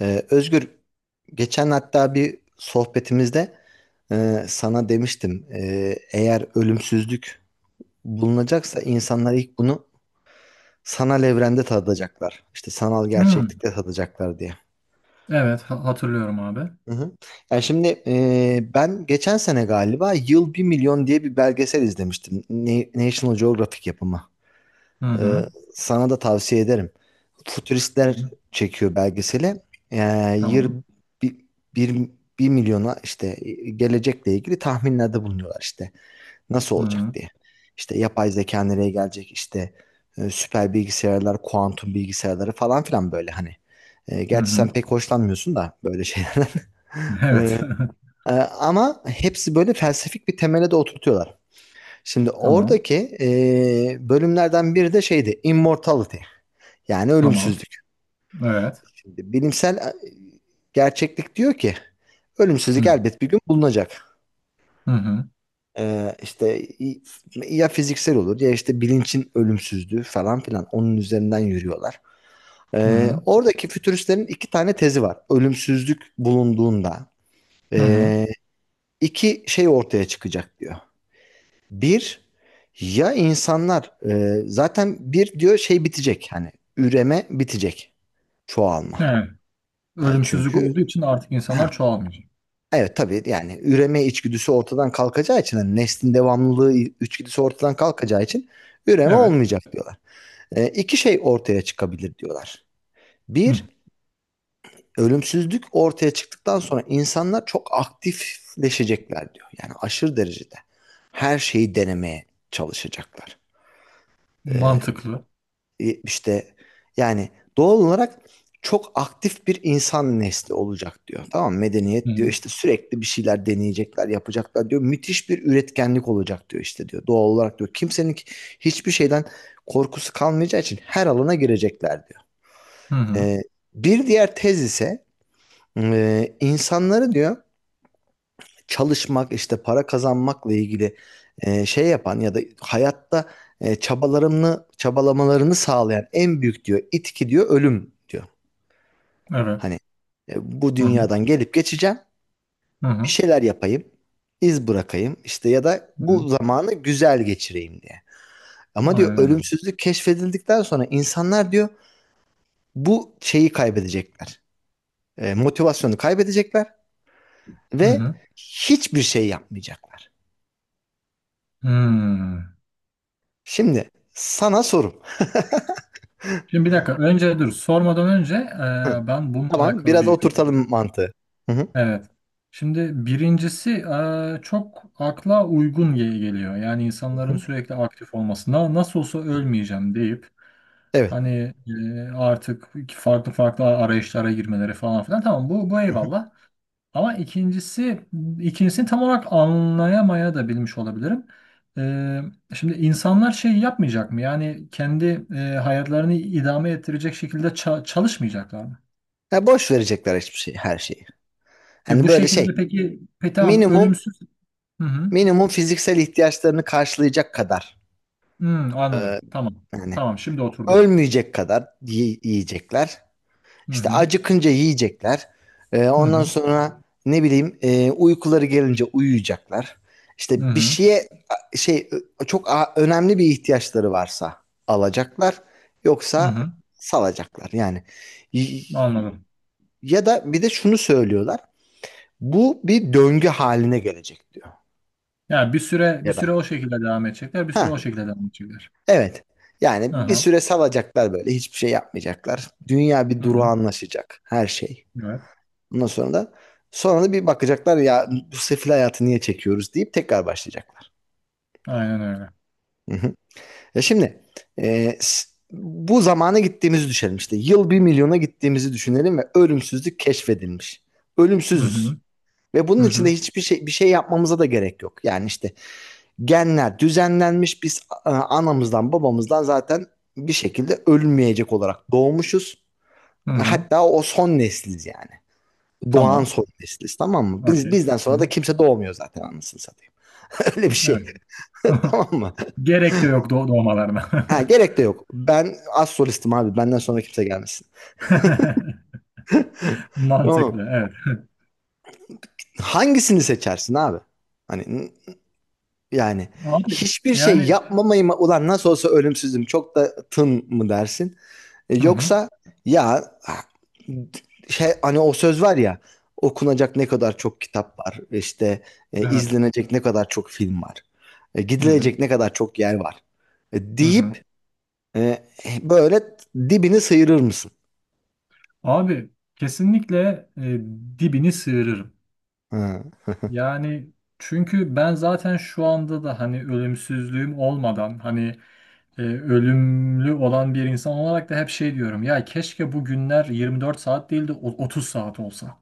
Özgür, geçen hatta bir sohbetimizde sana demiştim. Eğer ölümsüzlük bulunacaksa insanlar ilk bunu sanal evrende tadacaklar. İşte sanal Hmm, gerçeklikte tadacaklar diye. evet hatırlıyorum abi. Hı hı. Yani şimdi ben geçen sene galiba Yıl bir Milyon diye bir belgesel izlemiştim. National Geographic yapımı. Hı Ee, hı. Sana da tavsiye ederim. Hı Futuristler hı, çekiyor belgeseli. Yani tamam. bir, bir, bir milyona işte gelecekle ilgili tahminlerde bulunuyorlar işte. Nasıl Hı olacak hı. diye. İşte yapay zeka nereye gelecek işte süper bilgisayarlar, kuantum bilgisayarları falan filan böyle hani. Hı Gerçi hı. sen pek hoşlanmıyorsun da böyle şeylerden. Evet. Ama hepsi böyle felsefik bir temele de oturtuyorlar. Şimdi Tamam. oradaki e, bölümlerden biri de şeydi, Immortality. Yani Tamam. ölümsüzlük. Evet. Şimdi bilimsel gerçeklik diyor ki Hı ölümsüzlük hı. elbet bir gün bulunacak. Hı İşte ya fiziksel olur ya işte bilinçin ölümsüzlüğü falan filan onun üzerinden yürüyorlar. Hı. Oradaki fütüristlerin iki tane tezi var. Ölümsüzlük bulunduğunda Hı hı. e, iki şey ortaya çıkacak diyor. Bir ya insanlar zaten bir diyor şey bitecek hani üreme bitecek çoğalma. Evet. Ölümsüzlük olduğu Çünkü için artık insanlar çoğalmayacak. evet tabii yani üreme içgüdüsü ortadan kalkacağı için hani neslin devamlılığı içgüdüsü ortadan kalkacağı için üreme Evet. olmayacak diyorlar. İki şey ortaya çıkabilir diyorlar. Hı. Bir, ölümsüzlük ortaya çıktıktan sonra insanlar çok aktifleşecekler diyor. Yani aşırı derecede her şeyi denemeye çalışacaklar. E, Mantıklı. işte yani doğal olarak çok aktif bir insan nesli olacak diyor. Tamam mı? Hı Medeniyet diyor hı. işte sürekli bir şeyler deneyecekler, yapacaklar diyor. Müthiş bir üretkenlik olacak diyor işte diyor. Doğal olarak diyor. Kimsenin hiçbir şeyden korkusu kalmayacağı için her alana girecekler diyor. Hı hı. Ee, Bir diğer tez ise insanları diyor çalışmak, işte para kazanmakla ilgili şey yapan ya da hayatta çabalarını, çabalamalarını sağlayan en büyük diyor itki diyor ölüm diyor. Evet. Hani e, bu Hı hı. dünyadan gelip geçeceğim, Hı bir hı. şeyler yapayım, iz bırakayım işte ya da Hı hı. bu zamanı güzel geçireyim diye. Ama diyor Aynen öyle. ölümsüzlük keşfedildikten sonra insanlar diyor bu şeyi kaybedecekler. Motivasyonu kaybedecekler Hı ve hı. hiçbir şey yapmayacaklar. Hmm. Şimdi sana sorum. Şimdi bir dakika. Önce dur. Sormadan önce Hı. Ben bununla Tamam, alakalı biraz bir oturtalım mantığı. Hı hı. evet. Şimdi birincisi çok akla uygun geliyor. Yani Hı insanların hı. sürekli aktif olması. Nasıl olsa ölmeyeceğim deyip Evet. hani artık farklı farklı arayışlara girmeleri falan filan. Tamam bu Hı hı. eyvallah. Ama ikincisi ikincisini tam olarak anlayamaya da bilmiş olabilirim. Eee, şimdi insanlar şey yapmayacak mı? Yani kendi hayatlarını idame ettirecek şekilde çalışmayacaklar mı? Ya boş verecekler hiçbir şey, her şeyi. E Hani bu böyle şey, şekilde peki, peki tamam minimum ölümsüz. Hı hı. minimum fiziksel ihtiyaçlarını karşılayacak kadar Hmm, e, anladım. Tamam. yani Tamam, şimdi oturdu. ölmeyecek kadar yiyecekler. Hı İşte hı. acıkınca yiyecekler. Hı Ondan hı. sonra ne bileyim uykuları gelince uyuyacaklar. Hı İşte bir hı. şeye şey çok önemli bir ihtiyaçları varsa alacaklar. Hı Yoksa hı. salacaklar yani. Y- Anladım. Ya da bir de şunu söylüyorlar. Bu bir döngü haline gelecek diyor. Yani bir süre bir Ya da süre o şekilde devam edecekler, bir süre ha o şekilde devam edecekler. evet. Hı Yani bir hı. süre salacaklar böyle hiçbir şey yapmayacaklar. Dünya bir Hı duru hı. anlaşacak her şey. Evet. Ondan sonra da bir bakacaklar ya bu sefil hayatı niye çekiyoruz deyip tekrar başlayacaklar falan. Aynen öyle. Hı hı. Ya şimdi bu zamana gittiğimizi düşünelim işte. Yıl bir milyona gittiğimizi düşünelim ve ölümsüzlük keşfedilmiş. Hı Ölümsüzüz. hı. Ve Hı bunun içinde hı. hiçbir şey bir şey yapmamıza da gerek yok. Yani işte genler düzenlenmiş biz anamızdan babamızdan zaten bir şekilde ölmeyecek olarak doğmuşuz. Hı hı. Hatta o son nesliz yani. Doğan Tamam. soy nesiliz tamam mı? Biz, Okey. bizden Hı sonra da hı. kimse doğmuyor zaten anasını satayım. Öyle bir şey. Evet. Tamam mı? Gerek de yok doğ doğmalarına. Ha, gerek de yok. Ben az solistim abi. Benden sonra kimse gelmesin. Tamam. Mantıklı. Evet. Hangisini seçersin abi? Hani yani Abi hiçbir şey yani yapmamayı mı ulan nasıl olsa ölümsüzüm çok da tın mı dersin? Hı hı. Yoksa ya şey hani o söz var ya okunacak ne kadar çok kitap var işte Evet. izlenecek ne kadar çok film var Hı hı. gidilecek ne kadar çok yer var Hı hı. deyip e, böyle dibini sıyırır mısın? Abi kesinlikle dibini sıyırırım. Ha, Yani çünkü ben zaten şu anda da hani ölümsüzlüğüm olmadan hani ölümlü olan bir insan olarak da hep şey diyorum ya keşke bu günler 24 saat değil de 30 saat olsa.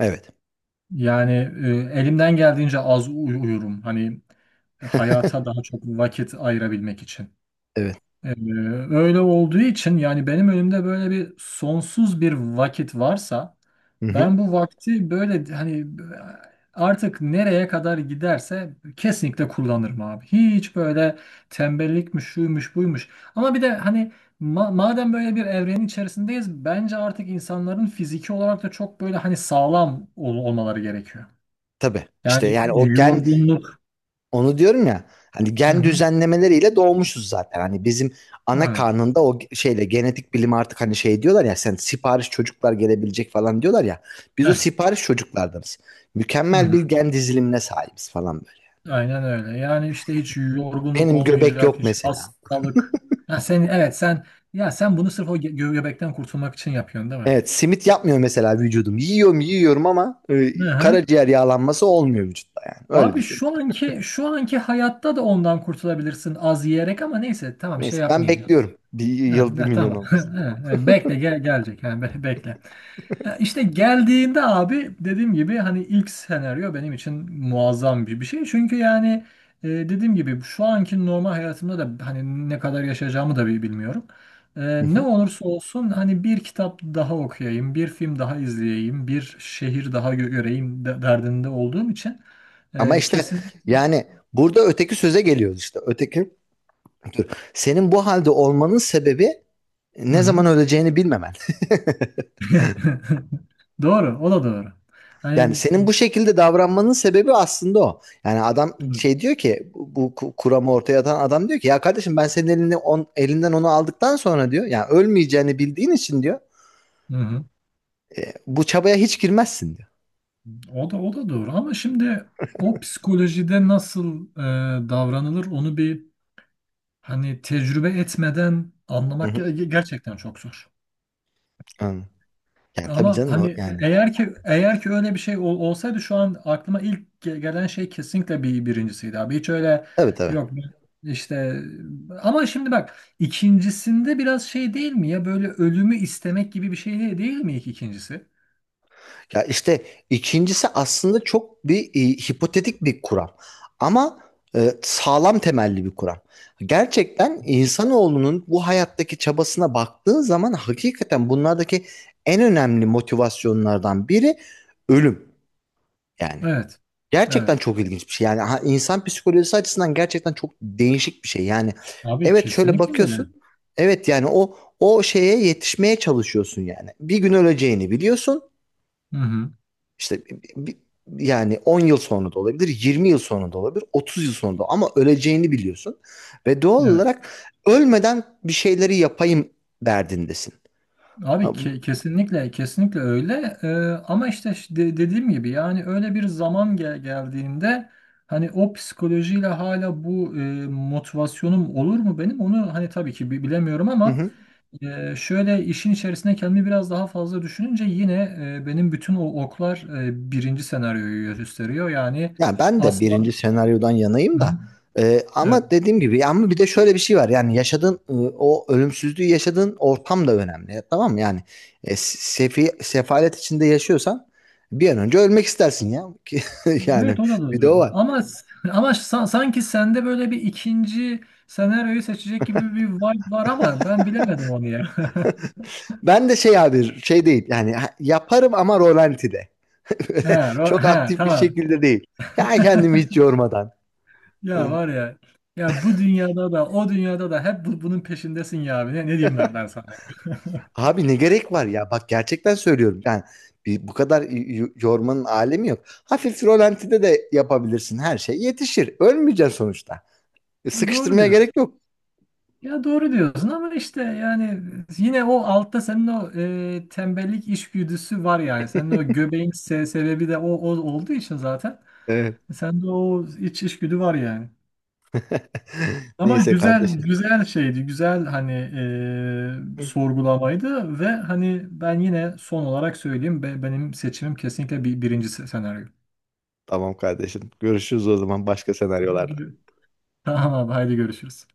evet. Yani elimden geldiğince az uyurum hani hayata daha çok vakit ayırabilmek için. Evet. Ee, öyle olduğu için yani benim önümde böyle bir sonsuz bir vakit varsa Hı hı. ben bu vakti böyle hani artık nereye kadar giderse kesinlikle kullanırım abi. Hiç böyle tembellikmiş, şuymuş, buymuş. Ama bir de hani madem böyle bir evrenin içerisindeyiz bence artık insanların fiziki olarak da çok böyle hani sağlam olmaları gerekiyor. Tabii. İşte Yani yani o gen, yorgunluk. onu diyorum ya hani Hı gen hı. düzenlemeleriyle doğmuşuz zaten. Hani bizim ana Aynen. karnında o şeyle genetik bilim artık hani şey diyorlar ya sen sipariş çocuklar gelebilecek falan diyorlar ya. Biz o Heh. sipariş çocuklardanız. Hı Mükemmel hı. bir gen dizilimine sahibiz falan böyle. Aynen öyle. Yani işte hiç yorgunluk Benim göbek olmayacak, yok hiç mesela. hastalık. Ha sen evet sen ya sen bunu sırf o gö göbekten kurtulmak için yapıyorsun değil mi? Evet simit yapmıyor mesela vücudum. Yiyorum yiyorum ama Hı hı. karaciğer yağlanması olmuyor vücutta yani. Öyle Abi düşün. şu anki hayatta da ondan kurtulabilirsin az yiyerek ama neyse tamam şey Neyse ben yapmayayım. bekliyorum. Bir Ha, yıl bir ha, milyon tamam. olmasın. Ha, ha, bekle gel gelecek yani bekle. Ya İşte geldiğinde abi dediğim gibi hani ilk senaryo benim için muazzam bir bir şey. Çünkü yani dediğim gibi şu anki normal hayatımda da hani ne kadar yaşayacağımı da bilmiyorum. E, Hı ne hı. olursa olsun hani bir kitap daha okuyayım, bir film daha izleyeyim, bir şehir daha göreyim derdinde olduğum için Ama e, işte kesin... yani burada öteki söze geliyoruz işte. Öteki, senin bu halde olmanın sebebi Hı ne hı. zaman öleceğini bilmemen. Doğru, o da doğru. Yani Hani... senin bu şekilde davranmanın sebebi aslında o. Yani adam şey diyor ki bu kuramı ortaya atan adam diyor ki ya kardeşim ben senin elinden onu aldıktan sonra diyor yani ölmeyeceğini bildiğin için diyor Hı hı. Bu çabaya hiç girmezsin diyor. O da doğru ama şimdi o psikolojide nasıl davranılır onu bir hani tecrübe etmeden Hı anlamak hı. Gerçekten çok zor. Yani tabii Ama canım o hani yani. eğer ki öyle bir şey olsaydı şu an aklıma ilk gelen şey kesinlikle bir birincisiydi abi. Hiç öyle Tabii tabii. yok ben işte ama şimdi bak ikincisinde biraz şey değil mi ya böyle ölümü istemek gibi bir şey değil, değil mi ilk ikincisi? Ya işte ikincisi aslında çok bir hipotetik bir kuram. Ama sağlam temelli bir kuram. Gerçekten insanoğlunun bu hayattaki çabasına baktığın zaman hakikaten bunlardaki en önemli motivasyonlardan biri ölüm. Yani Evet. gerçekten Evet. çok ilginç bir şey. Yani insan psikolojisi açısından gerçekten çok değişik bir şey. Yani Abi evet şöyle kesinlikle öyle. bakıyorsun. Evet yani o şeye yetişmeye çalışıyorsun yani. Bir gün öleceğini biliyorsun. Hı hı. İşte bi- yani 10 yıl sonra da olabilir, 20 yıl sonra da olabilir, 30 yıl sonra da ama öleceğini biliyorsun. Ve doğal Evet. olarak ölmeden bir şeyleri yapayım derdindesin. Ha, Abi bu- kesinlikle öyle. Ama işte dediğim gibi yani öyle bir zaman geldiğinde hani o psikolojiyle hala bu motivasyonum olur mu benim onu hani tabii ki bilemiyorum Hı ama hı. Şöyle işin içerisine kendimi biraz daha fazla düşününce yine benim bütün o oklar birinci senaryoyu gösteriyor yani Yani ben de asla birinci senaryodan yanayım da hı, evet. ama dediğim gibi ama bir de şöyle bir şey var yani yaşadığın o ölümsüzlüğü yaşadığın ortam da önemli tamam mı? Yani sefalet içinde yaşıyorsan bir an önce ölmek istersin ya yani Evet o da bir de doğru. o var. Ama ama sanki sende böyle bir ikinci senaryoyu seçecek gibi bir vibe var ama ben bilemedim onu ya. Ben de şey abi şey değil yani yaparım ama rolantide. He, ro- Çok he, aktif bir tamam. şekilde değil. Ya kendimi hiç yormadan. Ya var ya. Ya bu dünyada da o dünyada da hep bunun peşindesin ya abi. Ne, ne diyeyim ben, ben sana? Abi ne gerek var ya bak gerçekten söylüyorum. Yani bir, bu kadar yormanın alemi yok. Hafif rolantide de yapabilirsin her şey yetişir. Ölmeyeceksin sonuçta. Doğru Sıkıştırmaya diyorsun. gerek yok. Ya doğru diyorsun ama işte yani yine o altta senin o tembellik işgüdüsü var yani. Senin o göbeğin sebebi de o, o olduğu için zaten. Evet. Sende o iç işgüdü var yani. Ama Neyse güzel kardeşim. güzel şeydi. Güzel hani sorgulamaydı ve hani ben yine son olarak söyleyeyim benim seçimim kesinlikle bir, birinci senaryo. Tamam kardeşim. Görüşürüz o zaman başka senaryolarda. Gibi. Tamam abi haydi görüşürüz.